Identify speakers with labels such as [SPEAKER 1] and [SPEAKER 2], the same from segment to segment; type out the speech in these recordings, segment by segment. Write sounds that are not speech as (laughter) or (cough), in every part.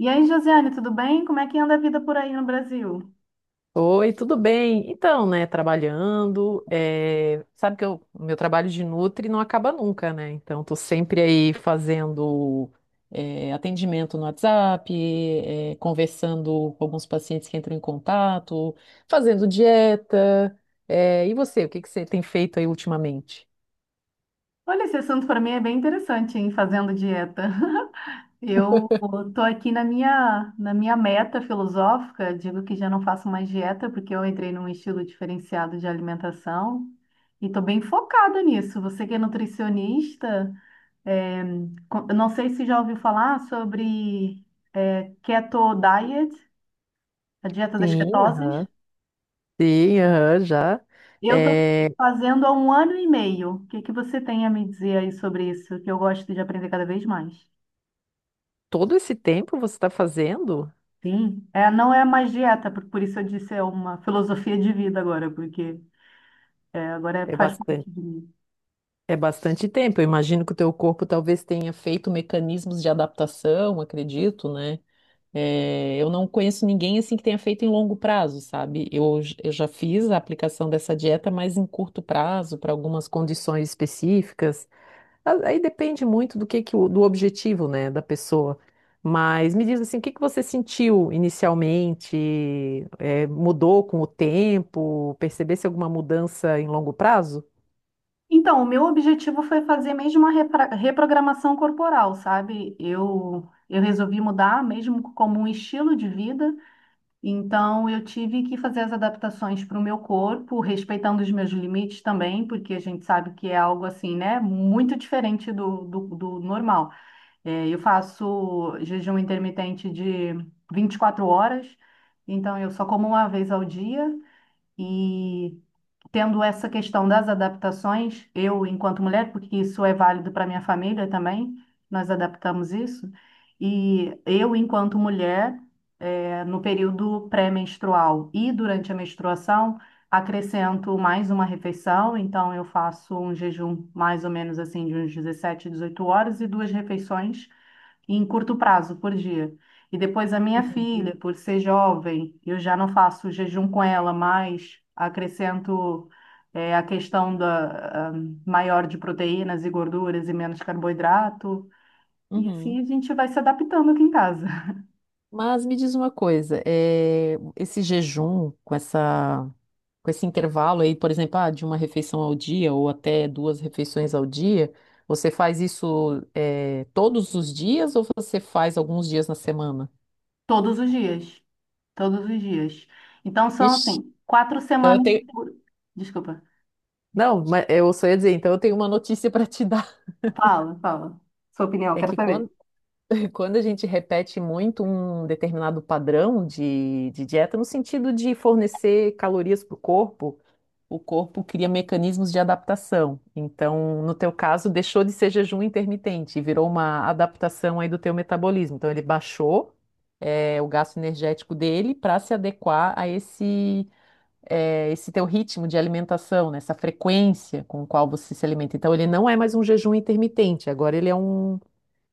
[SPEAKER 1] E aí, Josiane, tudo bem? Como é que anda a vida por aí no Brasil?
[SPEAKER 2] Oi, tudo bem? Então, né, trabalhando, sabe que o meu trabalho de nutri não acaba nunca, né? Então, tô sempre aí fazendo atendimento no WhatsApp, conversando com alguns pacientes que entram em contato, fazendo dieta. E você, o que que você tem feito aí ultimamente?
[SPEAKER 1] Olha, esse assunto para mim é bem interessante, hein, fazendo dieta. (laughs) Eu tô aqui na minha meta filosófica, digo que já não faço mais dieta porque eu entrei num estilo diferenciado de alimentação e tô bem focada nisso. Você que é nutricionista, é, eu não sei se já ouviu falar sobre keto diet, a dieta das
[SPEAKER 2] Sim,
[SPEAKER 1] ketoses.
[SPEAKER 2] aham. Sim, aham, já.
[SPEAKER 1] Eu estou
[SPEAKER 2] Eh,
[SPEAKER 1] fazendo há um ano e meio. O que que você tem a me dizer aí sobre isso? Que eu gosto de aprender cada vez mais.
[SPEAKER 2] todo esse tempo você está fazendo?
[SPEAKER 1] Sim, é, não é mais dieta, por isso eu disse é uma filosofia de vida agora, porque agora
[SPEAKER 2] É
[SPEAKER 1] faz
[SPEAKER 2] bastante.
[SPEAKER 1] parte de mim.
[SPEAKER 2] É bastante tempo. Eu imagino que o teu corpo talvez tenha feito mecanismos de adaptação, acredito, né? É, eu não conheço ninguém assim que tenha feito em longo prazo, sabe? Eu já fiz a aplicação dessa dieta, mas em curto prazo, para algumas condições específicas. Aí depende muito do que o- do objetivo, né, da pessoa. Mas me diz assim, o que que você sentiu inicialmente? É, mudou com o tempo? Percebesse alguma mudança em longo prazo?
[SPEAKER 1] Então, o meu objetivo foi fazer mesmo uma reprogramação corporal, sabe? Eu resolvi mudar mesmo como um estilo de vida. Então, eu tive que fazer as adaptações para o meu corpo, respeitando os meus limites também, porque a gente sabe que é algo assim, né? Muito diferente do normal. É, eu faço jejum intermitente de 24 horas, então eu só como uma vez ao dia e tendo essa questão das adaptações, eu, enquanto mulher, porque isso é válido para minha família também, nós adaptamos isso, e eu, enquanto mulher, no período pré-menstrual e durante a menstruação, acrescento mais uma refeição, então eu faço um jejum mais ou menos assim de uns 17, 18 horas e duas refeições em curto prazo, por dia. E depois a minha
[SPEAKER 2] Entendi.
[SPEAKER 1] filha, por ser jovem, eu já não faço jejum com ela, mas acrescento a questão da maior de proteínas e gorduras e menos carboidrato. E
[SPEAKER 2] Uhum.
[SPEAKER 1] assim a gente vai se adaptando aqui em casa. (laughs)
[SPEAKER 2] Mas me diz uma coisa, esse jejum com com esse intervalo aí, por exemplo, ah, de uma refeição ao dia ou até duas refeições ao dia, você faz isso, todos os dias ou você faz alguns dias na semana?
[SPEAKER 1] Todos os dias, todos os dias. Então são
[SPEAKER 2] Ixi,
[SPEAKER 1] assim, quatro
[SPEAKER 2] então eu
[SPEAKER 1] semanas
[SPEAKER 2] tenho.
[SPEAKER 1] por... Desculpa,
[SPEAKER 2] Não, mas eu só ia dizer, então eu tenho uma notícia para te (laughs) dar.
[SPEAKER 1] fala, fala. Sua opinião,
[SPEAKER 2] É
[SPEAKER 1] quero
[SPEAKER 2] que
[SPEAKER 1] saber.
[SPEAKER 2] quando Quando a gente repete muito um determinado padrão de dieta, no sentido de fornecer calorias para o corpo cria mecanismos de adaptação. Então, no teu caso, deixou de ser jejum intermitente e virou uma adaptação aí do teu metabolismo. Então, ele baixou, é, o gasto energético dele para se adequar a é, esse teu ritmo de alimentação, né? Essa frequência com a qual você se alimenta. Então, ele não é mais um jejum intermitente, agora ele é um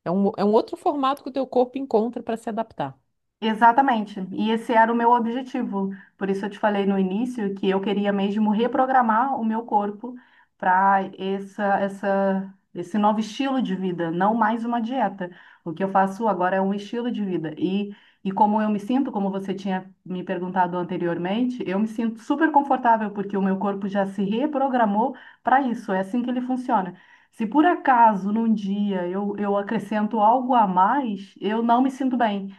[SPEAKER 2] é um, é um outro formato que o teu corpo encontra para se adaptar.
[SPEAKER 1] Exatamente. E esse era o meu objetivo. Por isso eu te falei no início que eu queria mesmo reprogramar o meu corpo para esse novo estilo de vida, não mais uma dieta. O que eu faço agora é um estilo de vida. E como eu me sinto, como você tinha me perguntado anteriormente, eu me sinto super confortável porque o meu corpo já se reprogramou para isso. É assim que ele funciona. Se por acaso num dia eu acrescento algo a mais, eu não me sinto bem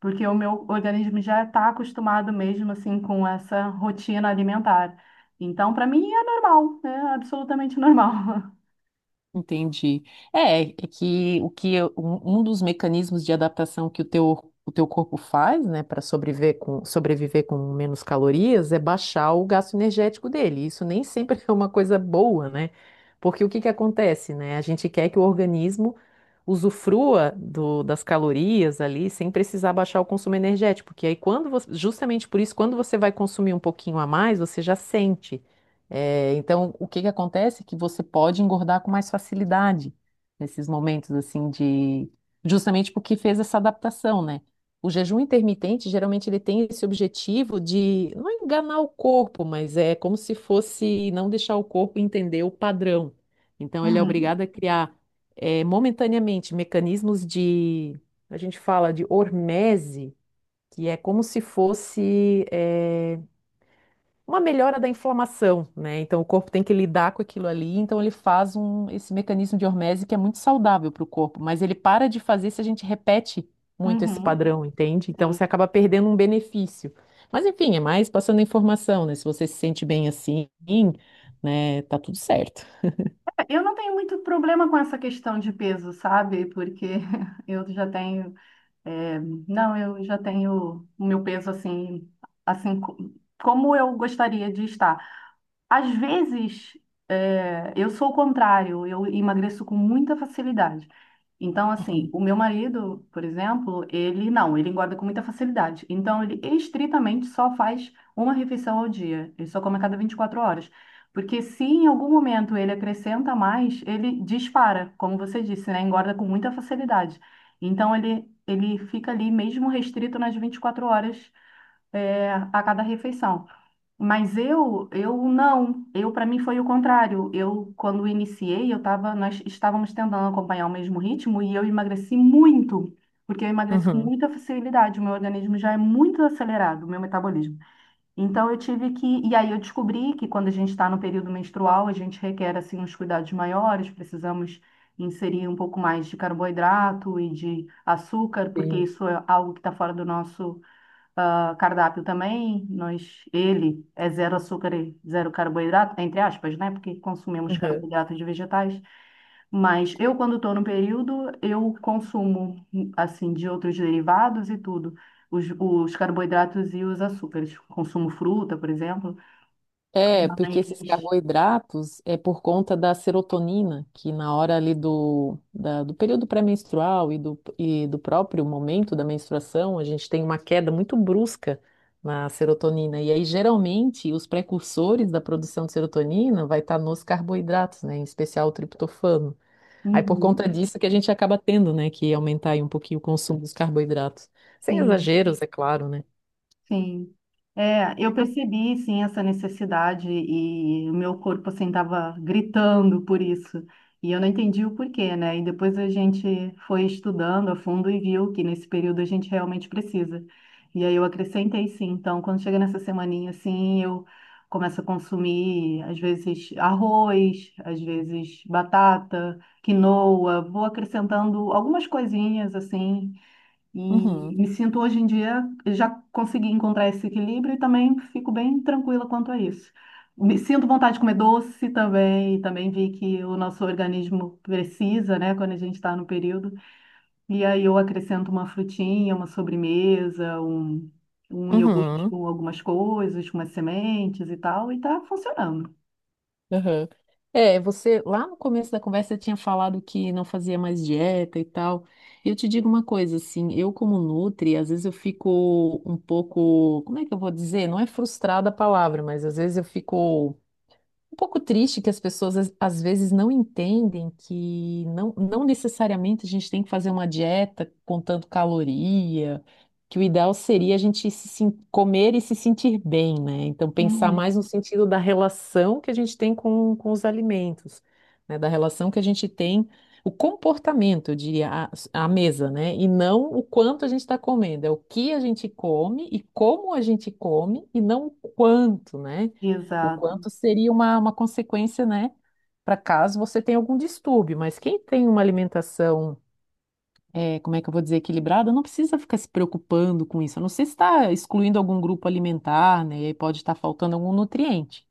[SPEAKER 1] porque o meu organismo já está acostumado mesmo assim com essa rotina alimentar. Então, para mim é normal, é absolutamente normal. (laughs)
[SPEAKER 2] Entendi. É que um dos mecanismos de adaptação que o teu corpo faz, né, para sobreviver com menos calorias é baixar o gasto energético dele. Isso nem sempre (laughs) é uma coisa boa, né? Porque o que que acontece, né? A gente quer que o organismo usufrua das calorias ali sem precisar baixar o consumo energético, porque aí quando você, justamente por isso, quando você vai consumir um pouquinho a mais, você já sente. É, então, o que que acontece é que você pode engordar com mais facilidade nesses momentos assim de justamente porque fez essa adaptação, né? O jejum intermitente geralmente ele tem esse objetivo de não enganar o corpo, mas é como se fosse não deixar o corpo entender o padrão. Então, ele é
[SPEAKER 1] Uhum,
[SPEAKER 2] obrigado a criar é, momentaneamente mecanismos de, a gente fala de hormese, que é como se fosse é, uma melhora da inflamação, né? Então o corpo tem que lidar com aquilo ali, então ele faz esse mecanismo de hormese que é muito saudável para o corpo, mas ele para de fazer se a gente repete muito esse
[SPEAKER 1] uhum,
[SPEAKER 2] padrão, entende? Então você
[SPEAKER 1] sim.
[SPEAKER 2] acaba perdendo um benefício. Mas enfim, é mais passando a informação, né? Se você se sente bem assim, né, tá tudo certo.
[SPEAKER 1] Eu não tenho muito problema com essa questão de peso, sabe? Porque (laughs) eu já tenho, é, não, eu já tenho o meu peso assim, assim como eu gostaria de estar. Às vezes, é, eu sou o contrário, eu emagreço com muita facilidade. Então, assim, o meu marido, por exemplo, ele não, ele engorda com muita facilidade. Então, ele estritamente só faz uma refeição ao dia, ele só come a cada 24 horas. Porque se em algum momento ele acrescenta mais, ele dispara, como você disse, né? Engorda com muita facilidade. Então, ele fica ali mesmo restrito nas 24 horas, é, a cada refeição. Mas eu não. Eu, para mim, foi o contrário. Eu, quando iniciei, nós estávamos tentando acompanhar o mesmo ritmo e eu emagreci muito, porque eu emagreço com
[SPEAKER 2] Uhum,
[SPEAKER 1] muita facilidade. O meu organismo já é muito acelerado, o meu metabolismo. Então, eu tive que. E aí, eu descobri que quando a gente está no período menstrual, a gente requer, assim, uns cuidados maiores, precisamos inserir um pouco mais de carboidrato e de açúcar, porque
[SPEAKER 2] sim.
[SPEAKER 1] isso é algo que está fora do nosso cardápio também. Nós, ele é zero açúcar e zero carboidrato, entre aspas, né? Porque consumimos carboidratos de vegetais. Mas eu, quando estou no período, eu consumo, assim, de outros derivados e tudo. Os carboidratos e os açúcares. Consumo fruta, por exemplo.
[SPEAKER 2] É, porque
[SPEAKER 1] Mas,
[SPEAKER 2] esses carboidratos é por conta da serotonina, que na hora ali do período pré-menstrual e do próprio momento da menstruação, a gente tem uma queda muito brusca na serotonina. E aí, geralmente, os precursores da produção de serotonina vai estar nos carboidratos, né? Em especial o triptofano. Aí, por conta
[SPEAKER 1] uhum,
[SPEAKER 2] disso que a gente acaba tendo, né, que aumentar aí um pouquinho o consumo dos carboidratos. Sem
[SPEAKER 1] sim.
[SPEAKER 2] exageros, é claro, né?
[SPEAKER 1] Sim. É, eu percebi, sim, essa necessidade e o meu corpo, assim, estava gritando por isso. E eu não entendi o porquê, né? E depois a gente foi estudando a fundo e viu que nesse período a gente realmente precisa. E aí eu acrescentei, sim. Então, quando chega nessa semaninha, assim, eu começo a consumir, às vezes, arroz, às vezes, batata, quinoa. Vou acrescentando algumas coisinhas, assim, e
[SPEAKER 2] Uhum,
[SPEAKER 1] me sinto hoje em dia, já consegui encontrar esse equilíbrio e também fico bem tranquila quanto a isso. Me sinto vontade de comer doce também, e também vi que o nosso organismo precisa, né, quando a gente está no período. E aí eu acrescento uma frutinha, uma sobremesa, um iogurte
[SPEAKER 2] uhum.
[SPEAKER 1] com algumas coisas, com umas sementes e tal, e tá funcionando.
[SPEAKER 2] Aham. É, você lá no começo da conversa você tinha falado que não fazia mais dieta e tal. E eu te digo uma coisa, assim, eu como nutri, às vezes eu fico um pouco, como é que eu vou dizer? Não é frustrada a palavra, mas às vezes eu fico um pouco triste que as pessoas às vezes não entendem que não, não necessariamente a gente tem que fazer uma dieta contando caloria, que o ideal seria a gente se, sen- comer e se sentir bem, né? Então pensar
[SPEAKER 1] Uhum,
[SPEAKER 2] mais no sentido da relação que a gente tem com os alimentos, né? Da relação que a gente tem, o comportamento, eu diria, a mesa, né? E não o quanto a gente está comendo, é o que a gente come e como a gente come e não o quanto, né? O
[SPEAKER 1] exato.
[SPEAKER 2] quanto seria uma consequência, né, para caso você tenha algum distúrbio. Mas quem tem uma alimentação, é, como é que eu vou dizer, equilibrada, não precisa ficar se preocupando com isso. A não ser se está excluindo algum grupo alimentar, né, e aí pode estar faltando algum nutriente.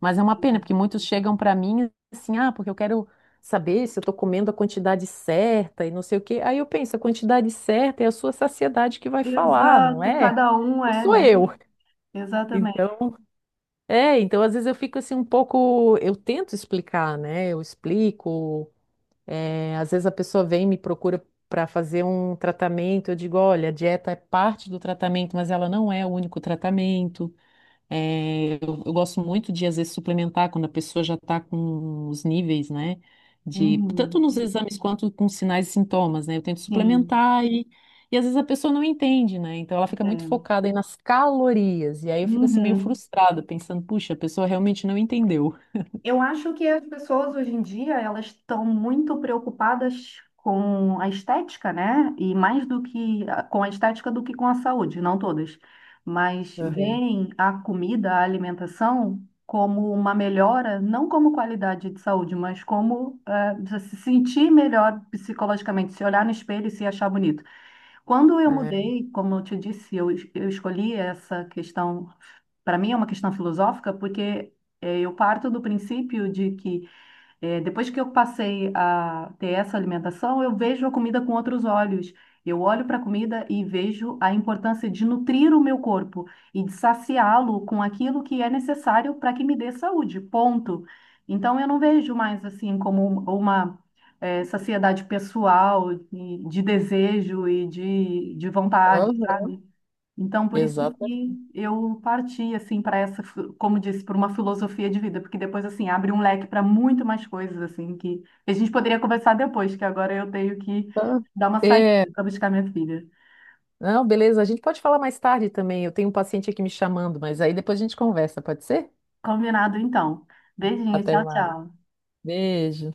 [SPEAKER 2] Mas é uma pena, porque muitos chegam para mim assim, ah, porque eu quero saber se eu estou comendo a quantidade certa e não sei o quê. Aí eu penso, a quantidade certa é a sua saciedade que vai falar, não
[SPEAKER 1] Exato,
[SPEAKER 2] é?
[SPEAKER 1] cada um
[SPEAKER 2] Não
[SPEAKER 1] é,
[SPEAKER 2] sou
[SPEAKER 1] né?
[SPEAKER 2] eu.
[SPEAKER 1] Exatamente.
[SPEAKER 2] Então, é, então às vezes eu fico assim um pouco, eu tento explicar, né? Eu explico. Às vezes a pessoa vem e me procura para fazer um tratamento. Eu digo, olha, a dieta é parte do tratamento, mas ela não é o único tratamento. É, eu gosto muito de, às vezes, suplementar quando a pessoa já está com os níveis, né? De, tanto
[SPEAKER 1] Uhum,
[SPEAKER 2] nos exames quanto com sinais e sintomas, né? Eu tento
[SPEAKER 1] sim.
[SPEAKER 2] suplementar e às vezes a pessoa não entende, né? Então ela fica muito
[SPEAKER 1] É.
[SPEAKER 2] focada aí nas calorias. E aí eu fico assim meio
[SPEAKER 1] Uhum.
[SPEAKER 2] frustrada, pensando, puxa, a pessoa realmente não entendeu.
[SPEAKER 1] Eu acho que as pessoas hoje em dia elas estão muito preocupadas com a estética, né? E mais do que com a estética do que com a saúde, não todas, mas
[SPEAKER 2] Uhum.
[SPEAKER 1] veem a comida, a alimentação como uma melhora, não como qualidade de saúde, mas como se sentir melhor psicologicamente, se olhar no espelho e se achar bonito. Quando eu
[SPEAKER 2] É.
[SPEAKER 1] mudei, como eu te disse, eu escolhi essa questão, para mim é uma questão filosófica, porque eu parto do princípio de que depois que eu passei a ter essa alimentação, eu vejo a comida com outros olhos. Eu olho para a comida e vejo a importância de nutrir o meu corpo e de saciá-lo com aquilo que é necessário para que me dê saúde, ponto. Então eu não vejo mais assim como uma saciedade pessoal, e de desejo e de vontade,
[SPEAKER 2] Aham.
[SPEAKER 1] sabe? Então, por isso
[SPEAKER 2] Exato.
[SPEAKER 1] que eu parti assim para essa, como disse, para uma filosofia de vida, porque depois assim abre um leque para muito mais coisas assim que a gente poderia conversar depois, que agora eu tenho que
[SPEAKER 2] Tá.
[SPEAKER 1] dar uma saída
[SPEAKER 2] É.
[SPEAKER 1] para buscar minha filha.
[SPEAKER 2] Não, beleza, a gente pode falar mais tarde também. Eu tenho um paciente aqui me chamando, mas aí depois a gente conversa, pode ser?
[SPEAKER 1] Combinado então. Beijinho,
[SPEAKER 2] Até
[SPEAKER 1] tchau,
[SPEAKER 2] mais.
[SPEAKER 1] tchau.
[SPEAKER 2] Beijo.